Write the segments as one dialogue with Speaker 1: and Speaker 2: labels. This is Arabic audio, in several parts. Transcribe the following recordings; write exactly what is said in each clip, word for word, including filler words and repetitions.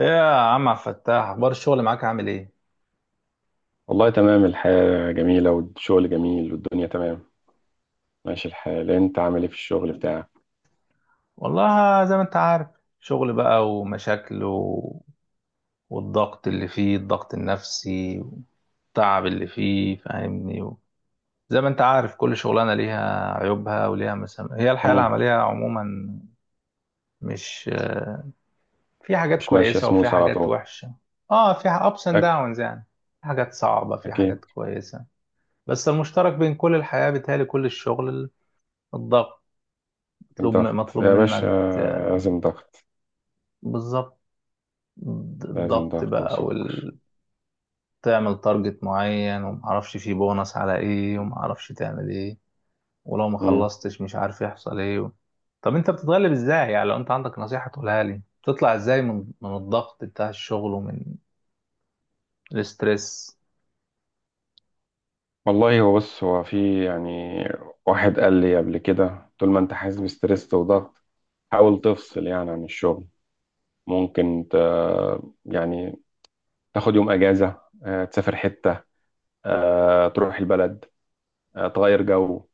Speaker 1: ايه يا عم عبد الفتاح، اخبار الشغل معاك؟ عامل ايه؟
Speaker 2: والله تمام. الحياة جميلة، والشغل جميل، والدنيا تمام. ماشي الحال، انت عامل ايه في الشغل بتاعك؟
Speaker 1: والله زي ما انت عارف، شغل بقى ومشاكل و... والضغط اللي فيه، الضغط النفسي والتعب اللي فيه فاهمني. و... زي ما انت عارف، كل شغلانه ليها عيوبها وليها مسام، هي الحياه
Speaker 2: مم.
Speaker 1: العمليه عموما. مش في حاجات
Speaker 2: مش ماشية
Speaker 1: كويسه وفي
Speaker 2: سموس على
Speaker 1: حاجات
Speaker 2: طول.
Speaker 1: وحشه. اه، في ابس اند
Speaker 2: أك...
Speaker 1: داونز يعني. في حاجات صعبه، في
Speaker 2: اكيد.
Speaker 1: حاجات كويسه. بس المشترك بين كل الحياه بيتهيألي كل الشغل الضغط. مطلوب
Speaker 2: الضغط
Speaker 1: مطلوب
Speaker 2: يا باشا،
Speaker 1: منك، آه،
Speaker 2: لازم ضغط.
Speaker 1: بالظبط.
Speaker 2: لازم
Speaker 1: الضغط
Speaker 2: ضغط
Speaker 1: بقى
Speaker 2: وسكر.
Speaker 1: وال... تعمل تارجت معين ومعرفش فيه بونص على ايه ومعرفش تعمل ايه، ولو ما
Speaker 2: مم.
Speaker 1: خلصتش مش عارف يحصل ايه. و... طب انت بتتغلب ازاي؟ يعني لو انت عندك نصيحة تقولها لي، بتطلع ازاي من من الضغط بتاع الشغل ومن الاسترس؟
Speaker 2: والله، هو بص، هو في يعني واحد قال لي قبل كده: طول ما انت حاسس بستريس وضغط، حاول تفصل يعني عن الشغل. ممكن ت... يعني تاخد يوم اجازة، آه، تسافر حتة، آه، تروح البلد، آه، تغير جو.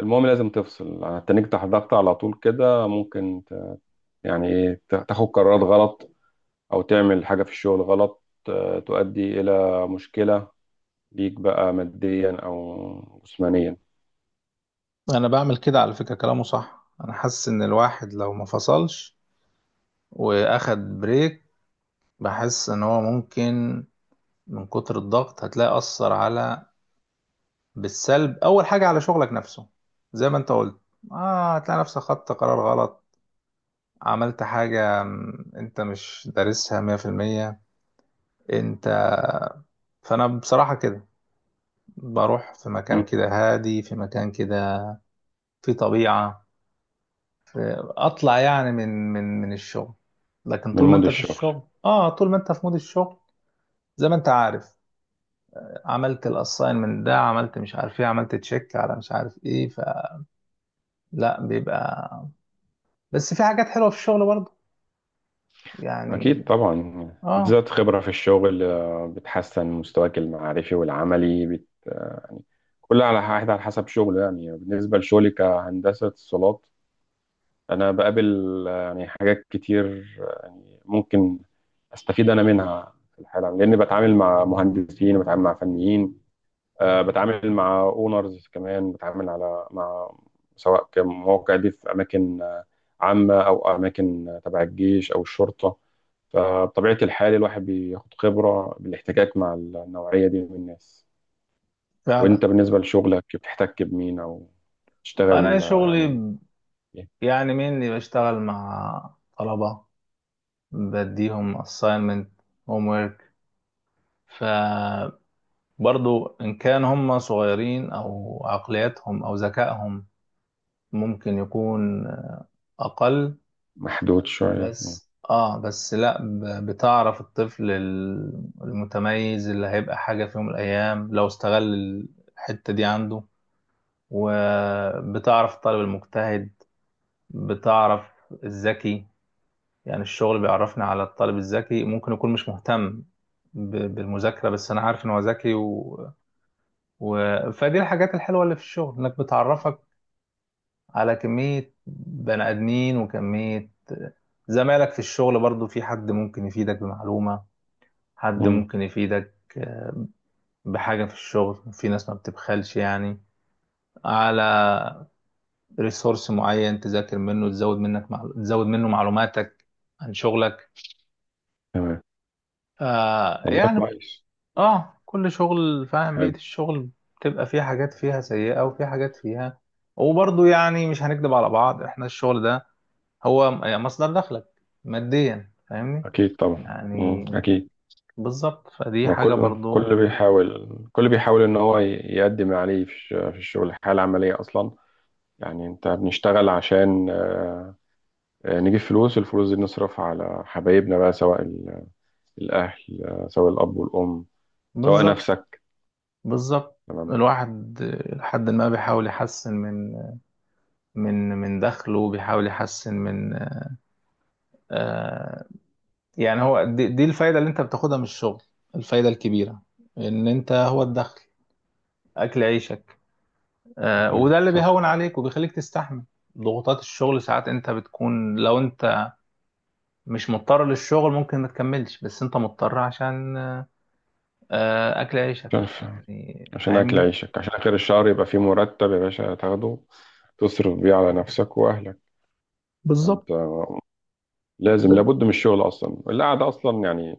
Speaker 2: المهم لازم تفصل. هتنيجي تحت ضغط على طول كده، ممكن ت... يعني ايه، ت- تاخد قرارات غلط او تعمل حاجة في الشغل غلط، آه، تؤدي الى مشكلة ليك بقى ماديا او جسمانيا.
Speaker 1: انا بعمل كده، على فكرة كلامه صح. انا حاسس ان الواحد لو ما فصلش واخد بريك، بحس ان هو ممكن من كتر الضغط هتلاقي اثر على بالسلب، اول حاجه على شغلك نفسه. زي ما انت قلت، اه، هتلاقي نفسك خدت قرار غلط، عملت حاجه م، انت مش دارسها مية في المية. انت، فانا بصراحه كده بروح في
Speaker 2: مم.
Speaker 1: مكان كده هادي، في مكان كده، في طبيعه، في اطلع يعني من من من الشغل. لكن
Speaker 2: من
Speaker 1: طول ما
Speaker 2: مود
Speaker 1: انت في
Speaker 2: الشغل.
Speaker 1: الشغل، اه، طول ما انت في مود الشغل، زي ما انت عارف، عملت الاساين من ده، عملت مش عارف ايه، عملت تشيك على مش عارف ايه، فلا بيبقى. بس في حاجات حلوه في الشغل يعني.
Speaker 2: اكيد طبعا،
Speaker 1: اه،
Speaker 2: بتزيد خبرة في الشغل، آه، بتحسن مستواك المعرفي والعملي بت... يعني، كل على واحد على حسب شغله. يعني بالنسبة لشغلي كهندسة اتصالات، انا بقابل آه، يعني حاجات كتير، آه، يعني ممكن استفيد انا منها في الحاله، لاني بتعامل مع مهندسين وبتعامل مع فنيين، آه، بتعامل مع اونرز كمان، بتعامل على مع، سواء كمواقع دي في اماكن آه، عامه او اماكن آه، تبع الجيش او الشرطه. فبطبيعه الحال، الواحد بياخد خبره بالاحتكاك مع النوعيه دي من الناس.
Speaker 1: فعلا.
Speaker 2: وانت بالنسبه لشغلك، بتحتك بمين او
Speaker 1: انا
Speaker 2: تشتغل آه،
Speaker 1: شغلي
Speaker 2: يعني
Speaker 1: ب-
Speaker 2: إيه؟
Speaker 1: يعني مني بشتغل مع طلبة، بديهم assignment, homework. فبرضو ان كان هم صغيرين او عقلياتهم او ذكائهم ممكن يكون اقل.
Speaker 2: محدود شويه.
Speaker 1: بس اه، بس لا، ب- بتعرف الطفل ال- المتميز اللي هيبقى حاجة في يوم من الايام لو استغل الحتة دي عنده. وبتعرف الطالب المجتهد، بتعرف الذكي. يعني الشغل بيعرفني على الطالب الذكي ممكن يكون مش مهتم ب- بالمذاكرة، بس أنا عارف إن هو ذكي. و... و... فدي الحاجات الحلوة اللي في الشغل، إنك بتعرفك على كمية بني آدمين وكمية زمايلك في الشغل. برضو في حد ممكن يفيدك بمعلومة، حد
Speaker 2: مم.
Speaker 1: ممكن يفيدك، آه، بحاجة في الشغل. في ناس ما بتبخلش يعني على ريسورس معين تذاكر منه، تزود منك مع... تزود منه معلوماتك عن شغلك.
Speaker 2: تمام.
Speaker 1: آه،
Speaker 2: والله
Speaker 1: يعني
Speaker 2: كويس.
Speaker 1: اه، كل شغل فاهم بيئة
Speaker 2: حلو.
Speaker 1: الشغل بتبقى فيه حاجات فيها سيئة وفي حاجات فيها. وبرضه يعني مش هنكدب على بعض، احنا الشغل ده هو م- يعني مصدر دخلك ماديا، فاهمني؟
Speaker 2: اكيد طبعا.
Speaker 1: يعني
Speaker 2: مم. اكيد.
Speaker 1: بالظبط، فدي
Speaker 2: ما
Speaker 1: حاجة
Speaker 2: كل
Speaker 1: برضه.
Speaker 2: كل بيحاول كل بيحاول ان هو ي- يقدم ما عليه في الش- في الشغل. الحياه العمليه اصلا، يعني انت بنشتغل عشان آه، آه، نجيب فلوس. الفلوس دي نصرفها على حبايبنا بقى، سواء ال- الاهل، آه، سواء الاب والام، سواء
Speaker 1: بالظبط.
Speaker 2: نفسك.
Speaker 1: بالظبط.
Speaker 2: تمام.
Speaker 1: الواحد، آه، لحد ما بيحاول يحسن من من من دخله، بيحاول يحسن من، آه، يعني هو دي, دي الفايدة اللي انت بتاخدها من الشغل، الفايدة الكبيرة ان انت هو
Speaker 2: آه،
Speaker 1: الدخل، اكل عيشك. آه،
Speaker 2: اكل
Speaker 1: وده
Speaker 2: عيشك،
Speaker 1: اللي
Speaker 2: صح.
Speaker 1: بيهون عليك وبيخليك تستحمل ضغوطات الشغل. ساعات انت بتكون، لو انت مش مضطر للشغل ممكن ما تكملش، بس انت مضطر عشان، آه، اكل عيشك
Speaker 2: عشان
Speaker 1: يعني
Speaker 2: عشان اكل
Speaker 1: فاهمني.
Speaker 2: عيشك، عشان اخر الشهر يبقى في مرتب يا باشا تاخده، تصرف بيه على نفسك واهلك.
Speaker 1: بالظبط.
Speaker 2: انت لازم،
Speaker 1: ب-
Speaker 2: لابد من الشغل اصلا. القعده اصلا يعني،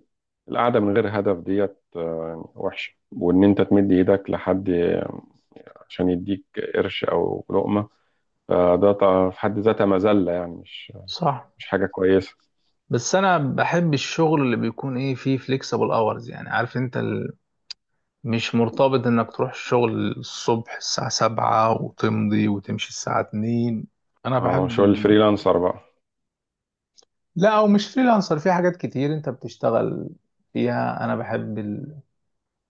Speaker 2: القعده من غير هدف ديت آه، وحشه، وان انت تمد ايدك لحد عشان يديك قرش او لقمه، فده طبعاً في حد ذاتها مذله، يعني مش
Speaker 1: صح.
Speaker 2: مش حاجه كويسه.
Speaker 1: بس انا بحب الشغل اللي بيكون ايه فيه فليكسبل اورز، يعني عارف انت ال... مش مرتبط انك تروح الشغل الصبح الساعة سبعة وتمضي وتمشي الساعة اتنين. انا
Speaker 2: اه،
Speaker 1: بحب،
Speaker 2: شغل الفريلانسر بقى.
Speaker 1: لا او مش فريلانسر، في حاجات كتير انت بتشتغل فيها، انا بحب ال...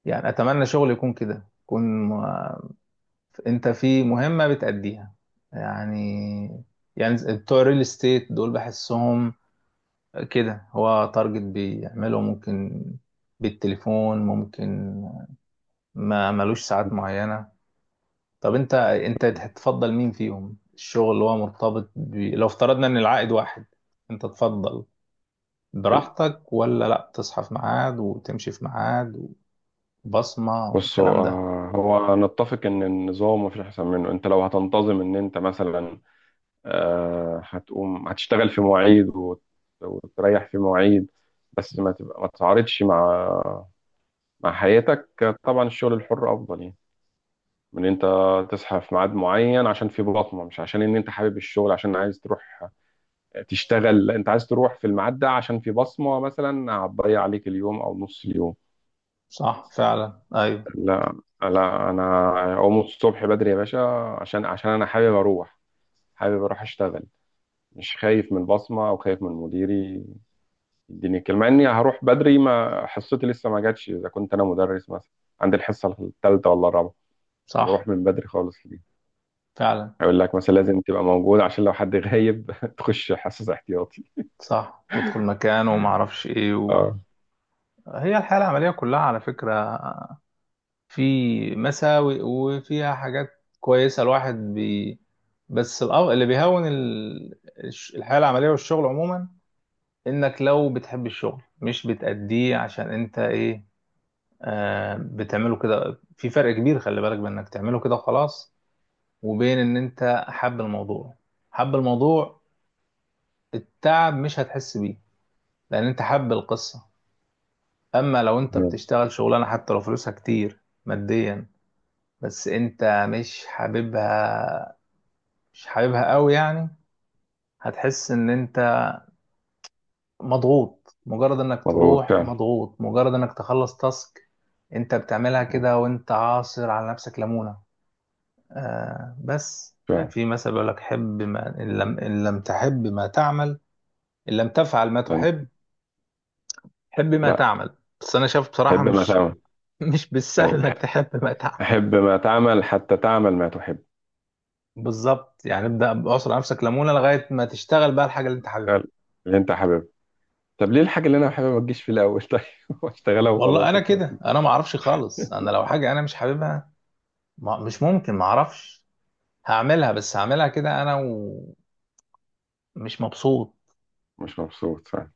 Speaker 1: يعني اتمنى شغل يكون كده، يكون م- انت في مهمة بتأديها يعني. يعني بتوع الريل استيت دول بحسهم كده، هو تارجت بيعمله، ممكن بالتليفون، ممكن، ما ملوش ساعات معينة. طب انت انت تفضل مين فيهم؟ الشغل اللي هو مرتبط ب... لو افترضنا ان العائد واحد، انت تفضل
Speaker 2: ال-
Speaker 1: براحتك ولا لا، تصحى في ميعاد وتمشي في ميعاد وبصمة
Speaker 2: بص، هو
Speaker 1: والكلام ده؟
Speaker 2: آه، هو نتفق ان النظام مفيش احسن منه. انت لو هتنتظم، ان انت مثلا آه، هتقوم هتشتغل في مواعيد وت- وتريح في مواعيد، بس ما تبقى ما تتعارضش مع مع حياتك. طبعا الشغل الحر افضل، يعني من انت تصحى في ميعاد معين عشان في بصمه، مش عشان ان انت حابب الشغل، عشان عايز تروح تشتغل. لا، انت عايز تروح في الميعاد ده عشان في بصمه مثلا هتضيع عليك اليوم او نص اليوم.
Speaker 1: صح فعلا، ايوه.
Speaker 2: لا، لا، انا اقوم الصبح بدري يا باشا، عشان عشان انا حابب اروح حابب اروح اشتغل. مش خايف من البصمه او خايف من مديري يديني كلمه اني هروح بدري ما حصتي لسه ما جاتش، اذا كنت انا مدرس مثلا عندي الحصه الثالثه ولا الرابعه، طب اروح
Speaker 1: صح
Speaker 2: من بدري خالص ليه؟
Speaker 1: فعلا.
Speaker 2: يقول لك مثلا لازم تبقى موجود عشان لو حد غايب تخش حصص احتياطي.
Speaker 1: صح تدخل مكان وما اعرفش ايه. و...
Speaker 2: اه.
Speaker 1: هي الحياة العملية كلها، على فكرة، في مساوئ وفيها حاجات كويسة. الواحد بي... بس الأو... اللي بيهون ال... الش- الحياة العملية والشغل عموما، انك لو بتحب الشغل مش بتأديه عشان انت ايه، آه، بتعمله كده، في فرق كبير، خلي بالك، بانك تعمله كده خلاص، وبين ان انت حب الموضوع. حب الموضوع، التعب مش هتحس بيه، لان انت حب القصة. اما لو انت
Speaker 2: مم.
Speaker 1: بتشتغل شغلانة حتى لو فلوسها كتير ماديا، بس انت مش حاببها، مش حاببها قوي يعني، هتحس ان انت مضغوط، مجرد انك
Speaker 2: مظبوط
Speaker 1: تروح
Speaker 2: فعلا.
Speaker 1: مضغوط، مجرد انك تخلص تاسك انت بتعملها
Speaker 2: مظبوط
Speaker 1: كده وانت عاصر على نفسك ليمونة. آه، بس يعني
Speaker 2: فعلا.
Speaker 1: في مثل بيقول لك: حب ما ان لم, إن لم تحب ما تعمل. إن لم تفعل ما
Speaker 2: لأن-
Speaker 1: تحب، حب ما
Speaker 2: لا،
Speaker 1: تعمل. بس انا شايف بصراحه،
Speaker 2: حب ما
Speaker 1: مش،
Speaker 2: تعمل.
Speaker 1: مش
Speaker 2: ايوه،
Speaker 1: بالسهل انك
Speaker 2: ح-
Speaker 1: تحب ما تعمل.
Speaker 2: حب ما تعمل حتى تعمل ما تحب.
Speaker 1: بالظبط، يعني ابدا بعصر نفسك ليمونه لغايه ما تشتغل بقى الحاجه اللي انت حاببها.
Speaker 2: فعلا. اللي انت حاببه. طب ليه الحاجة اللي انا حاببها ما تجيش في الاول طيب؟ واشتغلها
Speaker 1: والله
Speaker 2: وخلاص
Speaker 1: انا كده،
Speaker 2: وخلصنا.
Speaker 1: انا ما اعرفش خالص، انا لو حاجه انا مش حاببها ما مش ممكن، ما اعرفش، هعملها بس هعملها كده انا، ومش مبسوط.
Speaker 2: مش مبسوط فعلا.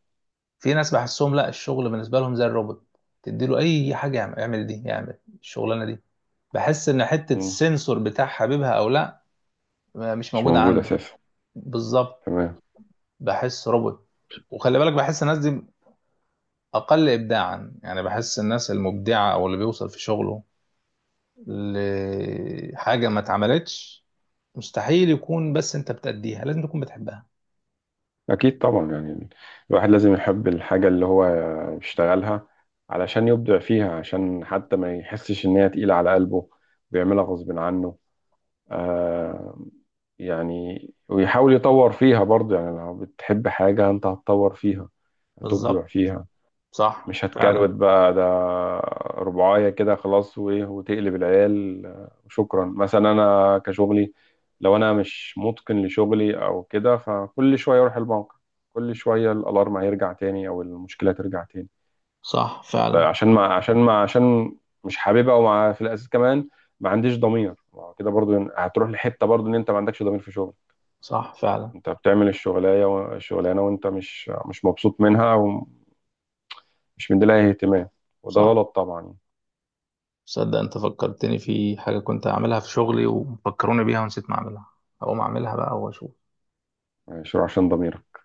Speaker 1: في ناس بحسهم لا، الشغل بالنسبه لهم زي الروبوت، تديله اي حاجه يعمل، اعمل دي، يعمل الشغلانه دي، بحس ان حته
Speaker 2: مم.
Speaker 1: السنسور بتاع حاببها او لا مش
Speaker 2: مش
Speaker 1: موجوده
Speaker 2: موجود
Speaker 1: عنده.
Speaker 2: اساسا.
Speaker 1: بالظبط.
Speaker 2: تمام.
Speaker 1: بحس روبوت. وخلي بالك، بحس الناس دي اقل ابداعا يعني. بحس الناس المبدعه او اللي بيوصل في شغله لحاجه ما اتعملتش، مستحيل يكون بس انت بتأديها، لازم تكون بتحبها.
Speaker 2: أكيد طبعا، يعني الواحد لازم يحب الحاجة اللي هو بيشتغلها علشان يبدع فيها، عشان حتى ما يحسش إن هي تقيلة على قلبه ويعملها غصب عنه. آه يعني، ويحاول يطور فيها برضه. يعني لو بتحب حاجة، أنت هتطور فيها، هتبدع
Speaker 1: بالظبط.
Speaker 2: فيها،
Speaker 1: صح
Speaker 2: مش
Speaker 1: فعلا.
Speaker 2: هتكروت بقى ده ربعاية كده خلاص وايه وتقلب العيال، آه، وشكرا. مثلا انا كشغلي، لو انا مش متقن لشغلي او كده، فكل شوية اروح البنك، كل شوية الالارم هيرجع تاني او المشكلة ترجع تاني.
Speaker 1: صح
Speaker 2: طيب
Speaker 1: فعلا.
Speaker 2: عشان ما عشان ما عشان مش حاببها، ومع في الاساس كمان ما عنديش ضمير. ما هو كده برضو، إن- هتروح لحتة برضو ان انت ما عندكش ضمير في شغل.
Speaker 1: صح فعلا.
Speaker 2: انت بتعمل الشغلانة و- الشغلانة وانت مش مش مبسوط منها ومش مديلها اهتمام، وده
Speaker 1: صح.
Speaker 2: غلط طبعا.
Speaker 1: صدق، انت فكرتني في حاجه كنت اعملها في شغلي وفكروني بيها ونسيت ما اعملها، هقوم اعملها بقى واشوف.
Speaker 2: شو؟ عشان ضميرك.